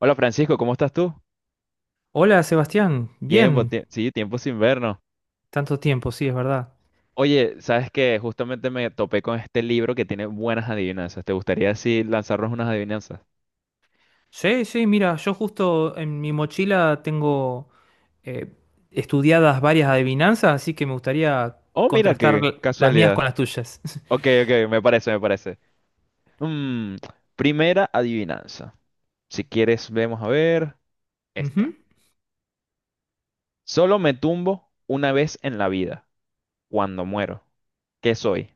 Hola Francisco, ¿cómo estás tú? Hola Sebastián, Tiempo, bien, tie- sí, tiempo sin vernos. tanto tiempo, sí, es verdad. Oye, sabes que justamente me topé con este libro que tiene buenas adivinanzas. ¿Te gustaría así lanzarnos unas adivinanzas? Sí, sí, mira, yo justo en mi mochila tengo eh, estudiadas varias adivinanzas, así que me gustaría Oh, mira contrastar qué las mías casualidad. con las tuyas. Ok, ok, me parece, me parece. Mm, Primera adivinanza. Si quieres, vemos a ver Ujú. esta. Solo me tumbo una vez en la vida, cuando muero. ¿Qué soy?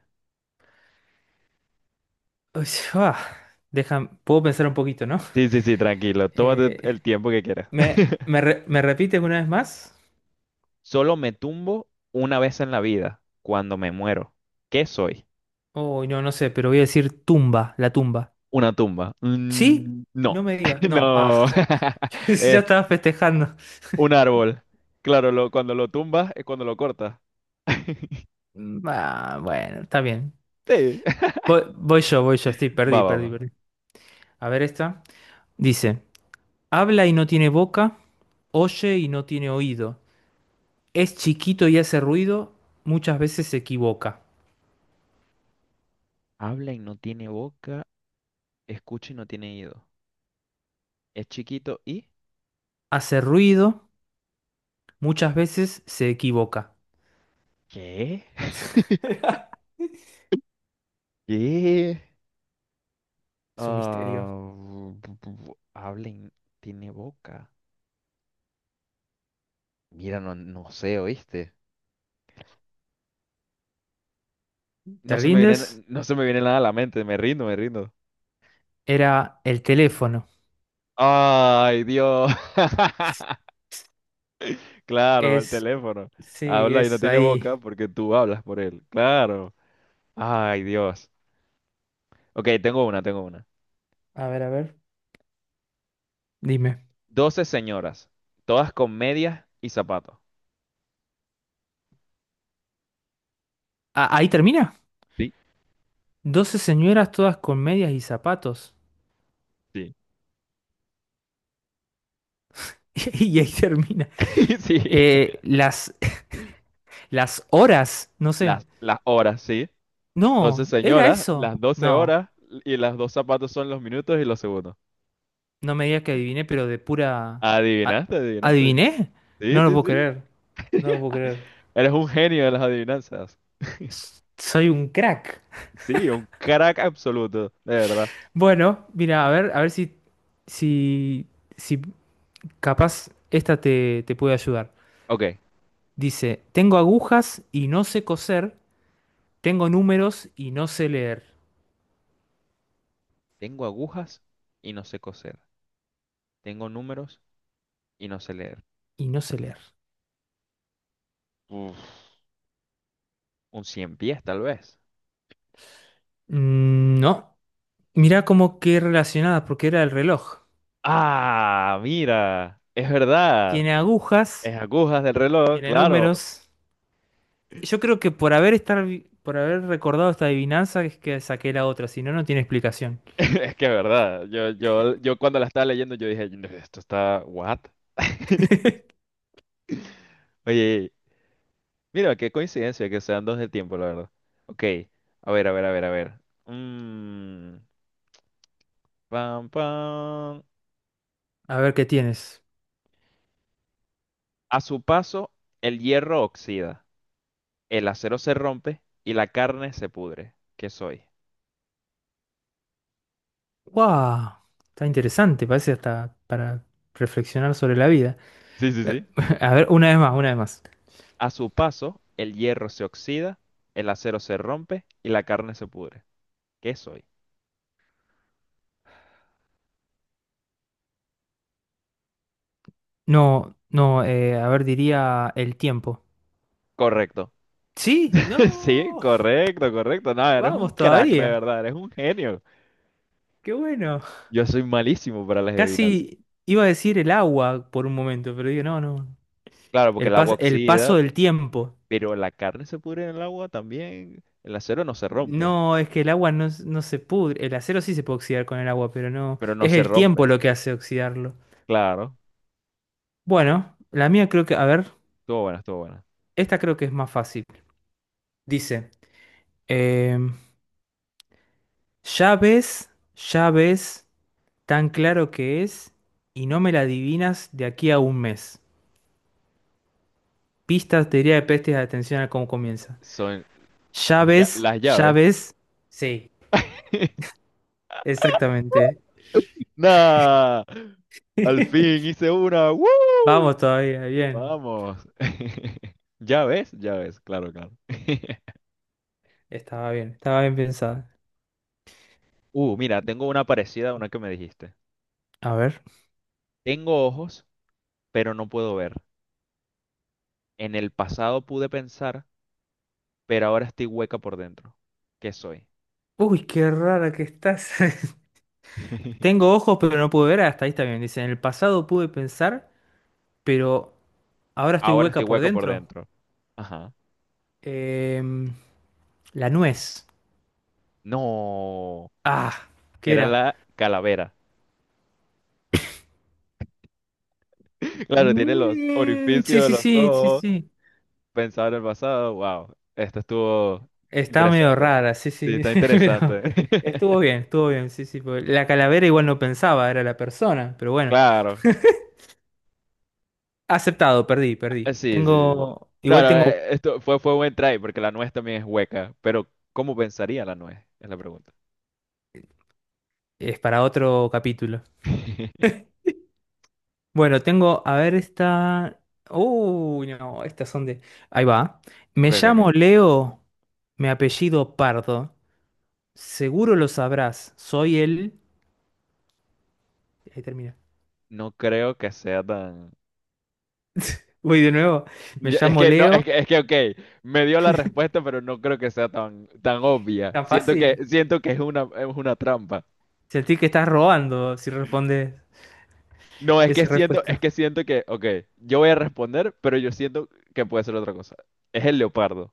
Uy, ah, puedo pensar un poquito, ¿no? Sí, sí, sí, tranquilo. Tómate Eh, el tiempo que quieras. Me repites una vez más? Solo me tumbo una vez en la vida, cuando me muero. ¿Qué soy? Oh no, no sé, pero voy a decir tumba, la tumba. Una tumba. ¿Sí? Mm, no, No me digas, no, ah, no. ya Es estaba festejando. un árbol. Claro, cuando lo tumbas es cuando lo cortas. Ah, bueno, está bien. Sí. Voy yo, sí, Va, perdí, va, perdí, va. perdí. A ver esta. Dice, habla y no tiene boca, oye y no tiene oído. Es chiquito y hace ruido, muchas veces se equivoca. Habla y no tiene boca, escucha y no tiene oído. Es chiquito y. Hace ruido, muchas veces se equivoca. ¿Qué? ¿Qué? Es un misterio. Ah, habla y tiene boca. Mira, no, no sé, ¿oíste? No ¿Te se me rindes? viene, no se me viene nada a la mente, me rindo, me rindo. Era el teléfono. Ay, Dios. Claro, el Es, teléfono. sí, Habla y no es tiene ahí. boca porque tú hablas por él. Claro. Ay, Dios. Ok, tengo una, tengo una. A ver, a ver. Dime. 12 señoras, todas con medias y zapatos. Ah, ahí termina. Sí, Doce señoras todas con medias y zapatos. sí. Y ahí termina. Sí, Eh, las Las horas, no sé. las horas, sí. Doce No, era señoras, eso. las 12 No, horas y las dos zapatos son los minutos y los segundos. no me digas que adiviné, pero de pura... a- Adivinaste, adivinaste. ¿Adiviné? Sí, No lo sí, puedo sí. creer. No lo puedo creer. Eres un genio de las adivinanzas. Soy un crack. Sí, un crack absoluto, de verdad. Bueno, mira, a ver si, si capaz esta te puede ayudar. Ok, Dice, tengo agujas y no sé coser, tengo números y no sé leer. tengo agujas y no sé coser. Tengo números y no sé leer. Y no sé leer. Uf, un cien pies, tal vez. Mm, no, mira como que relacionada, porque era el reloj. Ah, mira, es verdad. Tiene agujas. Es agujas del Y reloj, de claro. números, yo creo que por haber estar, por haber recordado esta adivinanza es que saqué la otra, si no, no tiene explicación. Es que es verdad. Yo cuando la estaba leyendo, yo dije, "No, esto está, what? Oye, mira, qué coincidencia que sean dos de tiempo, la verdad. Ok, a ver, a ver, a ver, a ver. Mm, Pam, pam. A ver qué tienes. A su paso, el hierro oxida, el acero se rompe y la carne se pudre. ¿Qué soy? ¡Wow! Está interesante, parece hasta para reflexionar sobre la vida. Sí, sí, Eh, sí. A ver, una vez más, una vez más. A su paso, el hierro se oxida, el acero se rompe y la carne se pudre. ¿Qué soy? No, no, a ver, diría el tiempo. Correcto. ¿Sí? Sí, ¡No! correcto, correcto. No, eres un Vamos crack, de todavía. verdad, eres un genio. ¡Qué bueno! Yo soy malísimo para las adivinanzas. Casi iba a decir el agua por un momento, pero digo, no, no. Claro, porque el agua El oxida, paso del tiempo. pero la carne se pudre en el agua también. El acero no se rompe, No, es que el agua no, no se pudre. El acero sí se puede oxidar con el agua, pero no. pero no Es se el tiempo rompe. lo que hace oxidarlo. Claro, Bueno, la mía creo que. A ver, estuvo buena, estuvo buena. esta creo que es más fácil. Dice: em, ya ves, ya ves, tan claro que es, y no me la adivinas de aquí a un mes. Pistas, teoría de pestes, atención a cómo comienza. Son, Ya Las, lla- ves, las ya llaves. ves. Sí, exactamente. ¡Nah! Al fin hice una. ¡Woo! Vamos todavía, bien. Vamos. Llaves, llaves, claro, claro. Estaba bien, estaba bien pensada. Mira, tengo una parecida a una que me dijiste. A ver. Tengo ojos, pero no puedo ver. En el pasado pude pensar, pero ahora estoy hueca por dentro. ¿Qué soy? Uy, qué rara que estás. Tengo ojos, pero no puedo ver. Hasta ahí está bien. Dice, en el pasado pude pensar, pero ahora estoy Ahora estoy hueca por hueca por dentro. dentro. Ajá. Em, la nuez. No, Ah, ¿qué era era? la calavera. Claro, tiene los Mm, sí, orificios de sí, los sí, sí, ojos. sí. Pensado en el pasado, wow, esto estuvo Está medio interesante. rara, sí, Sí, sí. está Pero interesante. Estuvo bien, sí, sí. Porque la calavera igual no pensaba, era la persona, pero bueno. Claro. Aceptado, perdí, perdí. Sí, sí, sí. No, no, esto fue buen try porque la nuez también es hueca, pero ¿cómo pensaría la nuez? Es la pregunta. Es para otro capítulo. Bueno, tengo, a ver esta. Uy, no, estas son de. Ahí va. Me Ok, ok, llamo ok. Leo, mi apellido Pardo. Seguro lo sabrás. Soy el. Ahí termina. No creo que sea tan. Uy, de nuevo. Me Es llamo que no, Leo. Ok, me dio la respuesta, pero no creo que sea tan, tan obvia. Tan fácil. Siento que es una trampa. Sentí que estás robando si respondes No, esa es respuesta. que siento que, ok, yo voy a responder, pero yo siento que puede ser otra cosa. Es el leopardo.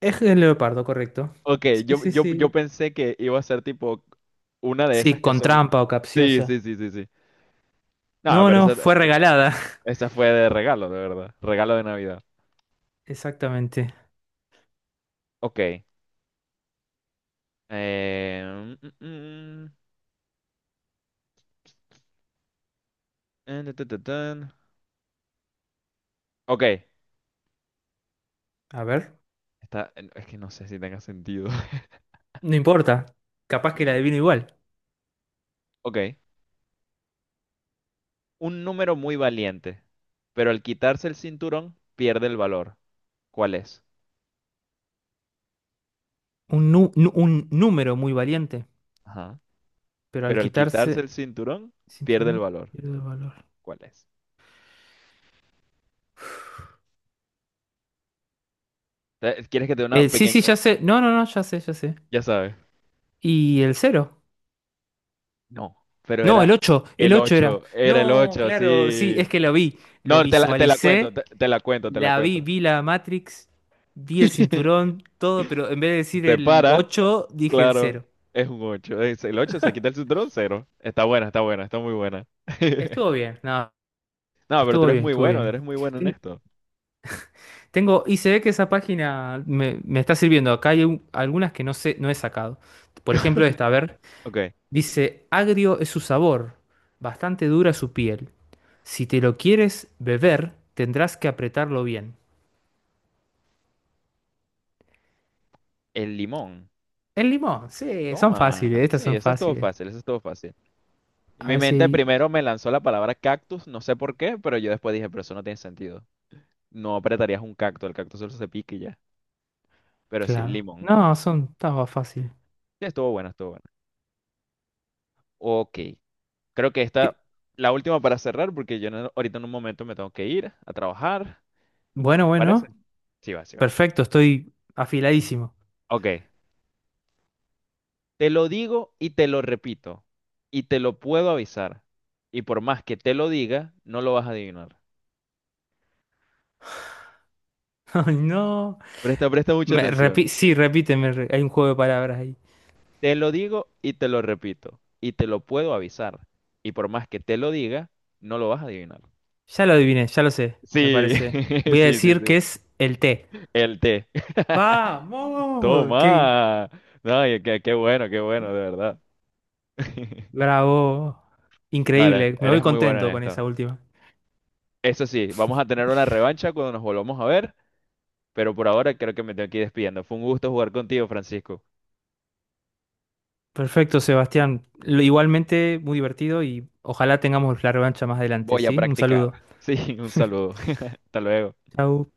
Es el leopardo, correcto. Ok, Sí, yo, sí, yo, yo sí. pensé que iba a ser tipo una de Sí, esas que con son. trampa o Sí, sí, capciosa. sí, sí, sí. No, No, pero no, esa, fue regalada. esa fue de regalo, de verdad. Regalo de Navidad. Exactamente. Ok. Eh... mm, mm, ta, ta, ta, tan. Ok. A ver, Es que no sé si tenga sentido. no importa. Capaz que la adivino igual. Ok. Un número muy valiente, pero al quitarse el cinturón pierde el valor. ¿Cuál es? Un número muy valiente, Ajá. pero al Pero al quitarse quitarse el cinturón pierde el cinturón valor. pierde valor. ¿Cuál es? ¿Quieres que te dé una El, sí, pequeña? sí, ya sé. No, no, no, ya sé, ya sé. Ya sabes. ¿Y el cero? No, pero No, el ocho el ocho era. Era el No, 8, claro, sí, sí. es que lo vi, lo No, te la cuento, visualicé, te la cuento, te la la vi, cuento. vi la Matrix, vi el cinturón, todo, pero en vez de decir Se el para, 8 dije el claro, cero. es un 8. Es el 8 se quita el cinturón, cero. Está buena, está buena, está muy buena. Estuvo bien, no, No, pero tú estuvo bien, estuvo bien. eres muy bueno en esto. Tengo, y se ve que esa página me está sirviendo. Acá hay algunas que no sé, no he sacado. Por ejemplo, esta, a ver, Ok, dice, agrio es su sabor, bastante dura su piel. Si te lo quieres beber, tendrás que apretarlo bien. el limón. El limón, sí, son fáciles, Toma. estas Sí, son eso es todo fáciles. fácil, eso es todo fácil. A Mi ver si mente hay- primero me lanzó la palabra cactus, no sé por qué, pero yo después dije, pero eso no tiene sentido. No apretarías un cactus, el cactus solo se pica y ya. Pero sí, claro. limón. No, son, estaba fácil. Sí, estuvo buena, estuvo buena. Ok, creo que esta, Sí. la última para cerrar, porque yo no- ahorita en un momento me tengo que ir a trabajar. Bueno, ¿Te parece? bueno, Sí va, sí va. perfecto, estoy afiladísimo. Ok, te lo digo y te lo repito, y te lo puedo avisar. Y por más que te lo diga, no lo vas a adivinar. No, Presta mucha atención. Sí, repíteme, re- hay un juego de palabras ahí. Te lo digo y te lo repito, y te lo puedo avisar. Y por más que te lo diga, no lo vas a adivinar. Ya lo adiviné, ya lo sé, me Sí, parece. Voy a sí, sí, decir sí. que es el té. El té. ¡Vamos! Toma. ¡Qué No, y qué bueno, de verdad. bravo! No, Increíble, me voy eres muy bueno contento en con esto. esa última. Eso sí, vamos a tener una revancha cuando nos volvamos a ver, pero por ahora creo que me tengo que ir despidiendo. Fue un gusto jugar contigo, Francisco. Perfecto, Sebastián. Igualmente, muy divertido y ojalá tengamos la revancha más adelante, Voy a ¿sí? Un practicar. saludo. Sí, un saludo. Hasta luego. Chau.